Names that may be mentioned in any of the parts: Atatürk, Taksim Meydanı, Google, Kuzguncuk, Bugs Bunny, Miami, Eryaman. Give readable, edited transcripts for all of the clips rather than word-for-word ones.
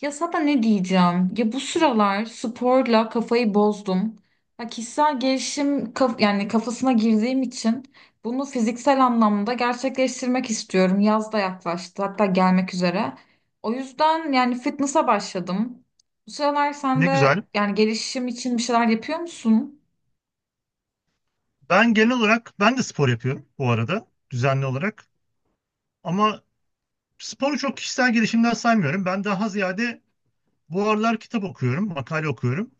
Ya sana ne diyeceğim? Ya bu sıralar sporla kafayı bozdum. Ya kişisel gelişim yani kafasına girdiğim için bunu fiziksel anlamda gerçekleştirmek istiyorum. Yaz da yaklaştı, hatta gelmek üzere. O yüzden yani fitness'a başladım. Bu sıralar sen Ne de güzel. yani gelişim için bir şeyler yapıyor musun? Ben genel olarak ben de spor yapıyorum bu arada düzenli olarak. Ama sporu çok kişisel gelişimden saymıyorum. Ben daha ziyade bu aralar kitap okuyorum, makale okuyorum.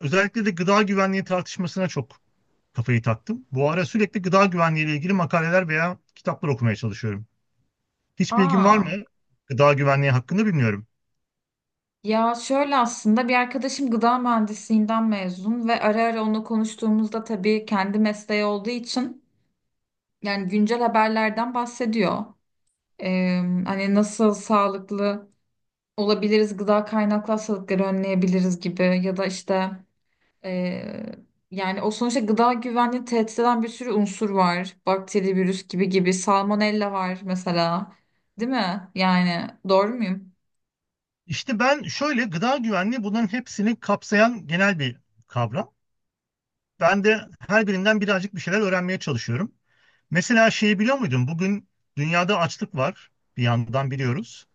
Özellikle de gıda güvenliği tartışmasına çok kafayı taktım. Bu ara sürekli gıda güvenliği ile ilgili makaleler veya kitaplar okumaya çalışıyorum. Hiç bilgin var mı? Aa, Gıda güvenliği hakkında bilmiyorum. ya şöyle aslında bir arkadaşım gıda mühendisliğinden mezun ve ara ara onunla konuştuğumuzda tabii kendi mesleği olduğu için yani güncel haberlerden bahsediyor. Ee, hani nasıl sağlıklı olabiliriz, gıda kaynaklı hastalıkları önleyebiliriz gibi ya da işte. Ee, yani o sonuçta gıda güvenliğini tehdit eden bir sürü unsur var. Bakteri, virüs gibi gibi. Salmonella var mesela. Değil mi? Yani doğru muyum? İşte ben şöyle gıda güvenliği bunların hepsini kapsayan genel bir kavram. Ben de her birinden birazcık bir şeyler öğrenmeye çalışıyorum. Mesela şeyi biliyor muydun? Bugün dünyada açlık var. Bir yandan biliyoruz.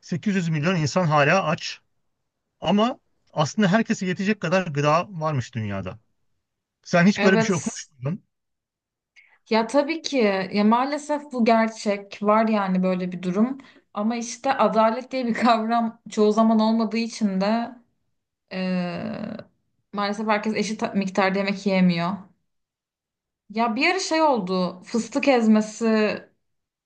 800 milyon insan hala aç. Ama aslında herkese yetecek kadar gıda varmış dünyada. Sen hiç böyle bir şey okumuş Evet. muydun? Ya tabii ki ya maalesef bu gerçek var yani böyle bir durum. Ama işte adalet diye bir kavram çoğu zaman olmadığı için de, Ee, maalesef herkes eşit miktarda yemek yiyemiyor. Ya bir ara şey oldu. Fıstık ezmesi,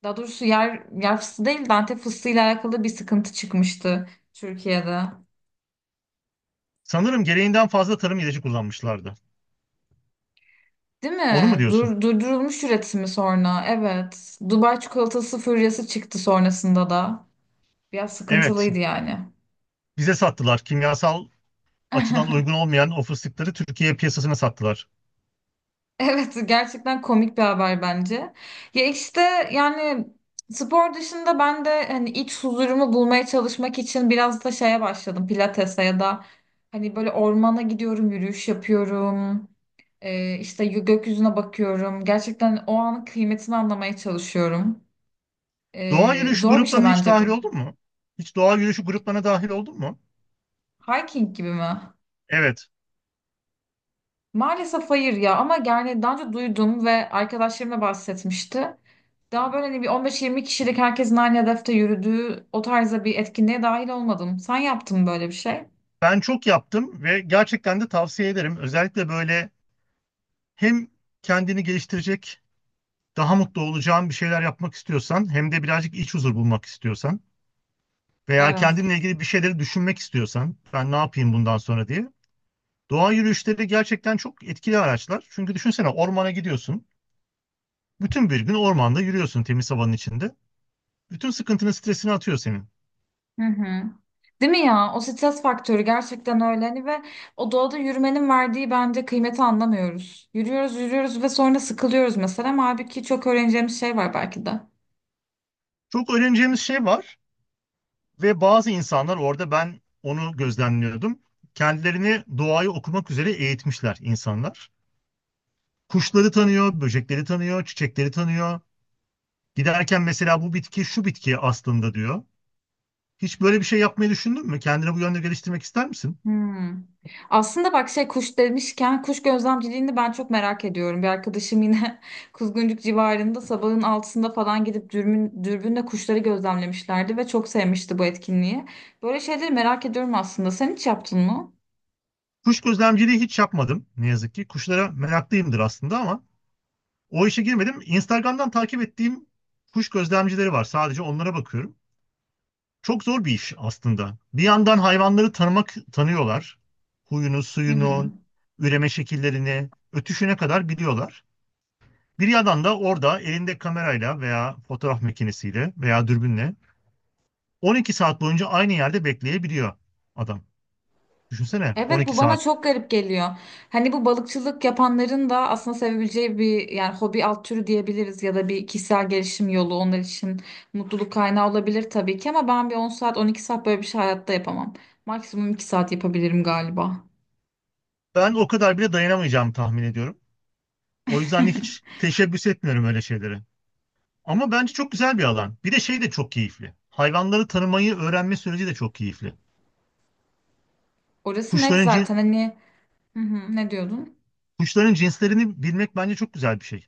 daha doğrusu yer yer fıstığı değil de Antep fıstığıyla alakalı bir sıkıntı çıkmıştı Türkiye'de. Sanırım gereğinden fazla tarım ilacı kullanmışlardı. Değil Onu mu mi? diyorsun? Dur, durdurulmuş üretimi sonra. Evet. Dubai çikolatası furyası çıktı sonrasında da. Biraz Evet. sıkıntılıydı yani. Bize sattılar. Kimyasal açıdan uygun olmayan o fıstıkları Türkiye piyasasına sattılar. Evet, gerçekten komik bir haber bence. Ya işte yani spor dışında ben de hani iç huzurumu bulmaya çalışmak için biraz da şeye başladım, pilatese ya da hani böyle ormana gidiyorum, yürüyüş yapıyorum. Gökyüzüne bakıyorum, gerçekten o anın kıymetini anlamaya çalışıyorum. Doğa Ee, yürüyüşü zor bir şey gruplarına hiç bence dahil bu. oldun mu? Hiç doğa yürüyüşü gruplarına dahil oldun mu? Hiking gibi mi? Evet. Maalesef hayır ya, ama yani daha önce duydum ve arkadaşlarım da bahsetmişti. Daha böyle hani bir 15-20 kişilik herkesin aynı hedefte yürüdüğü o tarzda bir etkinliğe dahil olmadım. Sen yaptın mı böyle bir şey? Ben çok yaptım ve gerçekten de tavsiye ederim. Özellikle böyle hem kendini geliştirecek, daha mutlu olacağın bir şeyler yapmak istiyorsan, hem de birazcık iç huzur bulmak istiyorsan veya Evet. kendinle ilgili bir şeyleri düşünmek istiyorsan, ben ne yapayım bundan sonra diye. Doğa yürüyüşleri gerçekten çok etkili araçlar. Çünkü düşünsene ormana gidiyorsun. Bütün bir gün ormanda yürüyorsun temiz havanın içinde. Bütün sıkıntını, stresini atıyor senin. Hı hı. Değil mi ya? O stres faktörü gerçekten öyle hani, ve o doğada yürümenin verdiği bence kıymeti anlamıyoruz. Yürüyoruz, yürüyoruz ve sonra sıkılıyoruz mesela. Ama halbuki çok öğreneceğimiz şey var belki de. Çok öğreneceğimiz şey var. Ve bazı insanlar orada ben onu gözlemliyordum. Kendilerini doğayı okumak üzere eğitmişler insanlar. Kuşları tanıyor, böcekleri tanıyor, çiçekleri tanıyor. Giderken mesela bu bitki şu bitki aslında diyor. Hiç böyle bir şey yapmayı düşündün mü? Kendini bu yönde geliştirmek ister misin? Hmm. Aslında bak şey, kuş demişken kuş gözlemciliğini ben çok merak ediyorum. Bir arkadaşım yine Kuzguncuk civarında sabahın altısında falan gidip dürbünle kuşları gözlemlemişlerdi ve çok sevmişti bu etkinliği. Böyle şeyleri merak ediyorum aslında. Sen hiç yaptın mı? Kuş gözlemciliği hiç yapmadım ne yazık ki. Kuşlara meraklıyımdır aslında ama o işe girmedim. Instagram'dan takip ettiğim kuş gözlemcileri var. Sadece onlara bakıyorum. Çok zor bir iş aslında. Bir yandan hayvanları tanımak tanıyorlar. Huyunu, Hı hı. suyunu, üreme şekillerini, ötüşüne kadar biliyorlar. Bir yandan da orada elinde kamerayla veya fotoğraf makinesiyle veya dürbünle 12 saat boyunca aynı yerde bekleyebiliyor adam. Düşünsene Evet, 12 bu bana saat. çok garip geliyor. Hani bu balıkçılık yapanların da aslında sevebileceği bir yani hobi alt türü diyebiliriz ya da bir kişisel gelişim yolu, onlar için mutluluk kaynağı olabilir tabii ki, ama ben bir 10 saat 12 saat böyle bir şey hayatta yapamam. Maksimum 2 saat yapabilirim galiba. Ben o kadar bile dayanamayacağımı tahmin ediyorum. O yüzden de hiç teşebbüs etmiyorum öyle şeylere. Ama bence çok güzel bir alan. Bir de şey de çok keyifli. Hayvanları tanımayı öğrenme süreci de çok keyifli. Orası net Kuşların zaten hani. Hı hı, ne diyordun? Kuşların cinslerini bilmek bence çok güzel bir şey.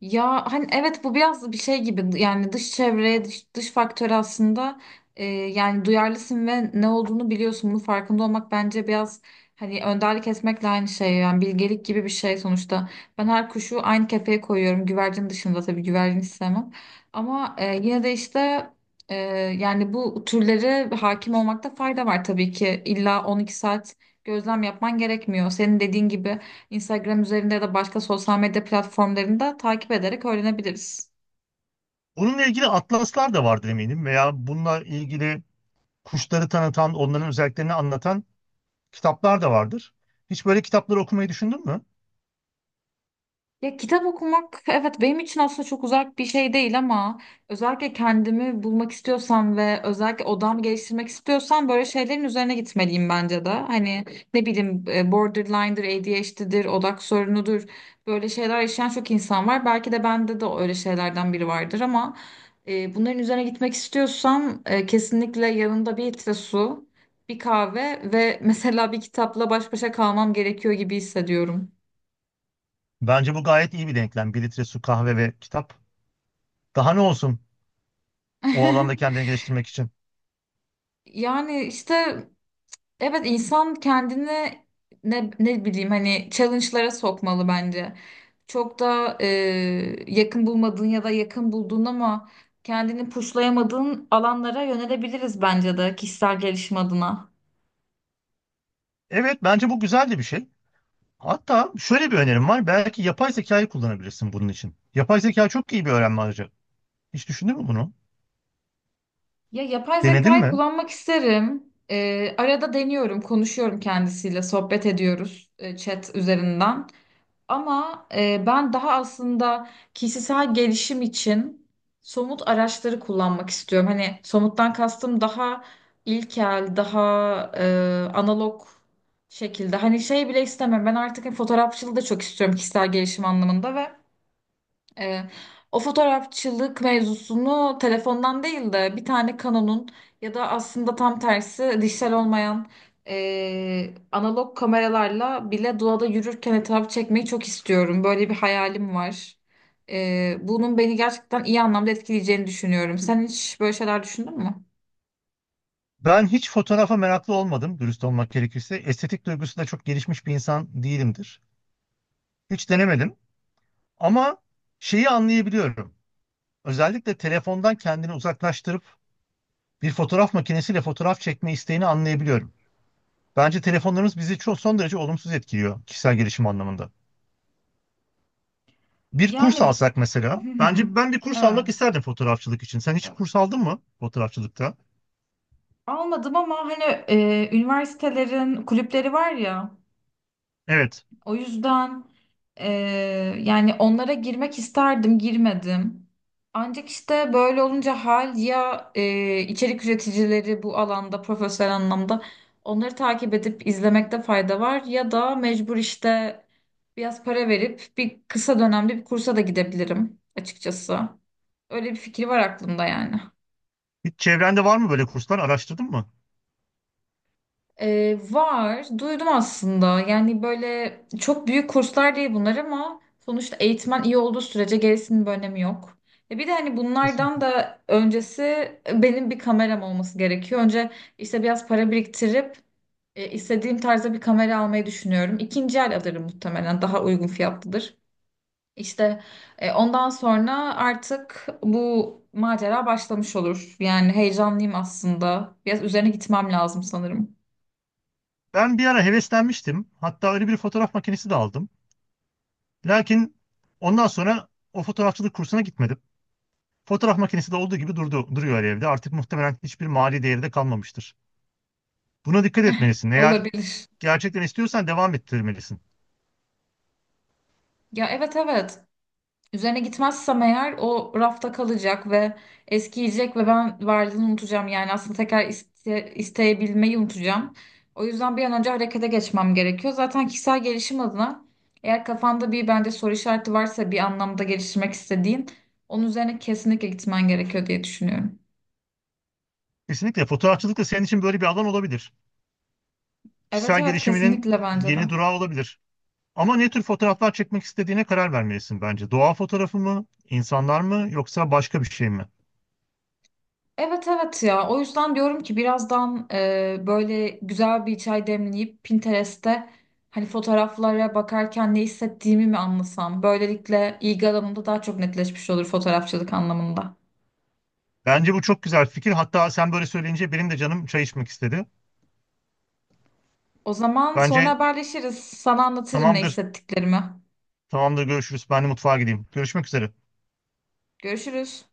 Ya hani evet, bu biraz bir şey gibi yani dış çevreye dış faktör aslında, yani duyarlısın ve ne olduğunu biliyorsun, bunun farkında olmak bence biraz hani önderlik etmekle aynı şey, yani bilgelik gibi bir şey sonuçta. Ben her kuşu aynı kefeye koyuyorum, güvercin dışında tabii, güvercin istemem, ama yine de işte e, yani bu türlere hakim olmakta fayda var. Tabii ki illa 12 saat gözlem yapman gerekmiyor, senin dediğin gibi Instagram üzerinde ya da başka sosyal medya platformlarında takip ederek öğrenebiliriz. Onunla ilgili atlaslar da vardır eminim veya bununla ilgili kuşları tanıtan, onların özelliklerini anlatan kitaplar da vardır. Hiç böyle kitapları okumayı düşündün mü? Ya kitap okumak, evet, benim için aslında çok uzak bir şey değil, ama özellikle kendimi bulmak istiyorsam ve özellikle odamı geliştirmek istiyorsam, böyle şeylerin üzerine gitmeliyim bence de. Hani ne bileyim, borderline'dır, ADHD'dir, odak sorunudur. Böyle şeyler yaşayan çok insan var. Belki de bende de öyle şeylerden biri vardır, ama bunların üzerine gitmek istiyorsam, kesinlikle yanımda bir litre su, bir kahve ve mesela bir kitapla baş başa kalmam gerekiyor gibi hissediyorum. Bence bu gayet iyi bir denklem. Bir litre su, kahve ve kitap. Daha ne olsun o alanda kendini geliştirmek için. Yani işte, evet, insan kendini ne bileyim hani challenge'lara sokmalı bence. Çok da yakın bulmadığın ya da yakın bulduğun ama kendini pushlayamadığın alanlara yönelebiliriz bence de kişisel gelişim adına. Evet, bence bu güzel de bir şey. Hatta şöyle bir önerim var. Belki yapay zekayı kullanabilirsin bunun için. Yapay zeka çok iyi bir öğrenme aracı. Hiç düşündün mü bunu? Ya yapay Denedin zekayı mi? kullanmak isterim. Arada deniyorum, konuşuyorum kendisiyle, sohbet ediyoruz chat üzerinden. Ama ben daha aslında kişisel gelişim için somut araçları kullanmak istiyorum. Hani somuttan kastım daha ilkel, daha analog şekilde. Hani şey bile istemem. Ben artık hani fotoğrafçılığı da çok istiyorum kişisel gelişim anlamında ve ee, o fotoğrafçılık mevzusunu telefondan değil de bir tane Canon'un ya da aslında tam tersi dijital olmayan analog kameralarla bile doğada yürürken etrafı çekmeyi çok istiyorum. Böyle bir hayalim var. Bunun beni gerçekten iyi anlamda etkileyeceğini düşünüyorum. Sen hiç böyle şeyler düşündün mü? Ben hiç fotoğrafa meraklı olmadım dürüst olmak gerekirse. Estetik duygusu da çok gelişmiş bir insan değilimdir. Hiç denemedim ama şeyi anlayabiliyorum. Özellikle telefondan kendini uzaklaştırıp bir fotoğraf makinesiyle fotoğraf çekme isteğini anlayabiliyorum. Bence telefonlarımız bizi çok son derece olumsuz etkiliyor kişisel gelişim anlamında. Bir kurs Yani, alsak mesela. hı hı, Bence ben bir kurs almak evet. isterdim fotoğrafçılık için. Sen hiç kurs aldın mı fotoğrafçılıkta? Almadım ama hani üniversitelerin kulüpleri var ya. Evet. O yüzden e, yani onlara girmek isterdim, girmedim. Ancak işte böyle olunca ya içerik üreticileri bu alanda profesyonel anlamda, onları takip edip izlemekte fayda var, ya da mecbur işte biraz para verip bir kısa dönemli bir kursa da gidebilirim açıkçası. Öyle bir fikir var aklımda yani. Hiç çevrende var mı böyle kurslar? Araştırdın mı? Var. Duydum aslında. Yani böyle çok büyük kurslar değil bunlar, ama sonuçta eğitmen iyi olduğu sürece gerisinin bir önemi yok. Bir de hani bunlardan Kesinlikle. da öncesi benim bir kameram olması gerekiyor. Önce işte biraz para biriktirip istediğim tarzda bir kamera almayı düşünüyorum. İkinci el alırım muhtemelen. Daha uygun fiyatlıdır. İşte ondan sonra artık bu macera başlamış olur. Yani heyecanlıyım aslında. Biraz üzerine gitmem lazım sanırım. Ben bir ara heveslenmiştim. Hatta öyle bir fotoğraf makinesi de aldım. Lakin ondan sonra o fotoğrafçılık kursuna gitmedim. Fotoğraf makinesi de olduğu gibi durdu, duruyor evde. Artık muhtemelen hiçbir mali değeri de kalmamıştır. Buna dikkat etmelisin. Eğer Olabilir. gerçekten istiyorsan devam ettirmelisin. Ya evet, evet. Üzerine gitmezsem eğer, o rafta kalacak ve eskiyecek ve ben varlığını unutacağım. Yani aslında tekrar isteyebilmeyi unutacağım. O yüzden bir an önce harekete geçmem gerekiyor. Zaten kişisel gelişim adına, eğer kafanda bir bence soru işareti varsa bir anlamda geliştirmek istediğin, onun üzerine kesinlikle gitmen gerekiyor diye düşünüyorum. Kesinlikle fotoğrafçılık da senin için böyle bir alan olabilir. Evet, Kişisel evet, gelişiminin kesinlikle bence de. yeni durağı olabilir. Ama ne tür fotoğraflar çekmek istediğine karar vermelisin bence. Doğa fotoğrafı mı, insanlar mı yoksa başka bir şey mi? Evet, evet, ya o yüzden diyorum ki, birazdan böyle güzel bir çay demleyip Pinterest'te hani fotoğraflara bakarken ne hissettiğimi mi anlasam. Böylelikle ilgi alanımda daha çok netleşmiş olur fotoğrafçılık anlamında. Bence bu çok güzel fikir. Hatta sen böyle söyleyince benim de canım çay içmek istedi. O zaman sonra Bence haberleşiriz. Sana anlatırım ne tamamdır. hissettiklerimi. Tamamdır görüşürüz. Ben de mutfağa gideyim. Görüşmek üzere. Görüşürüz.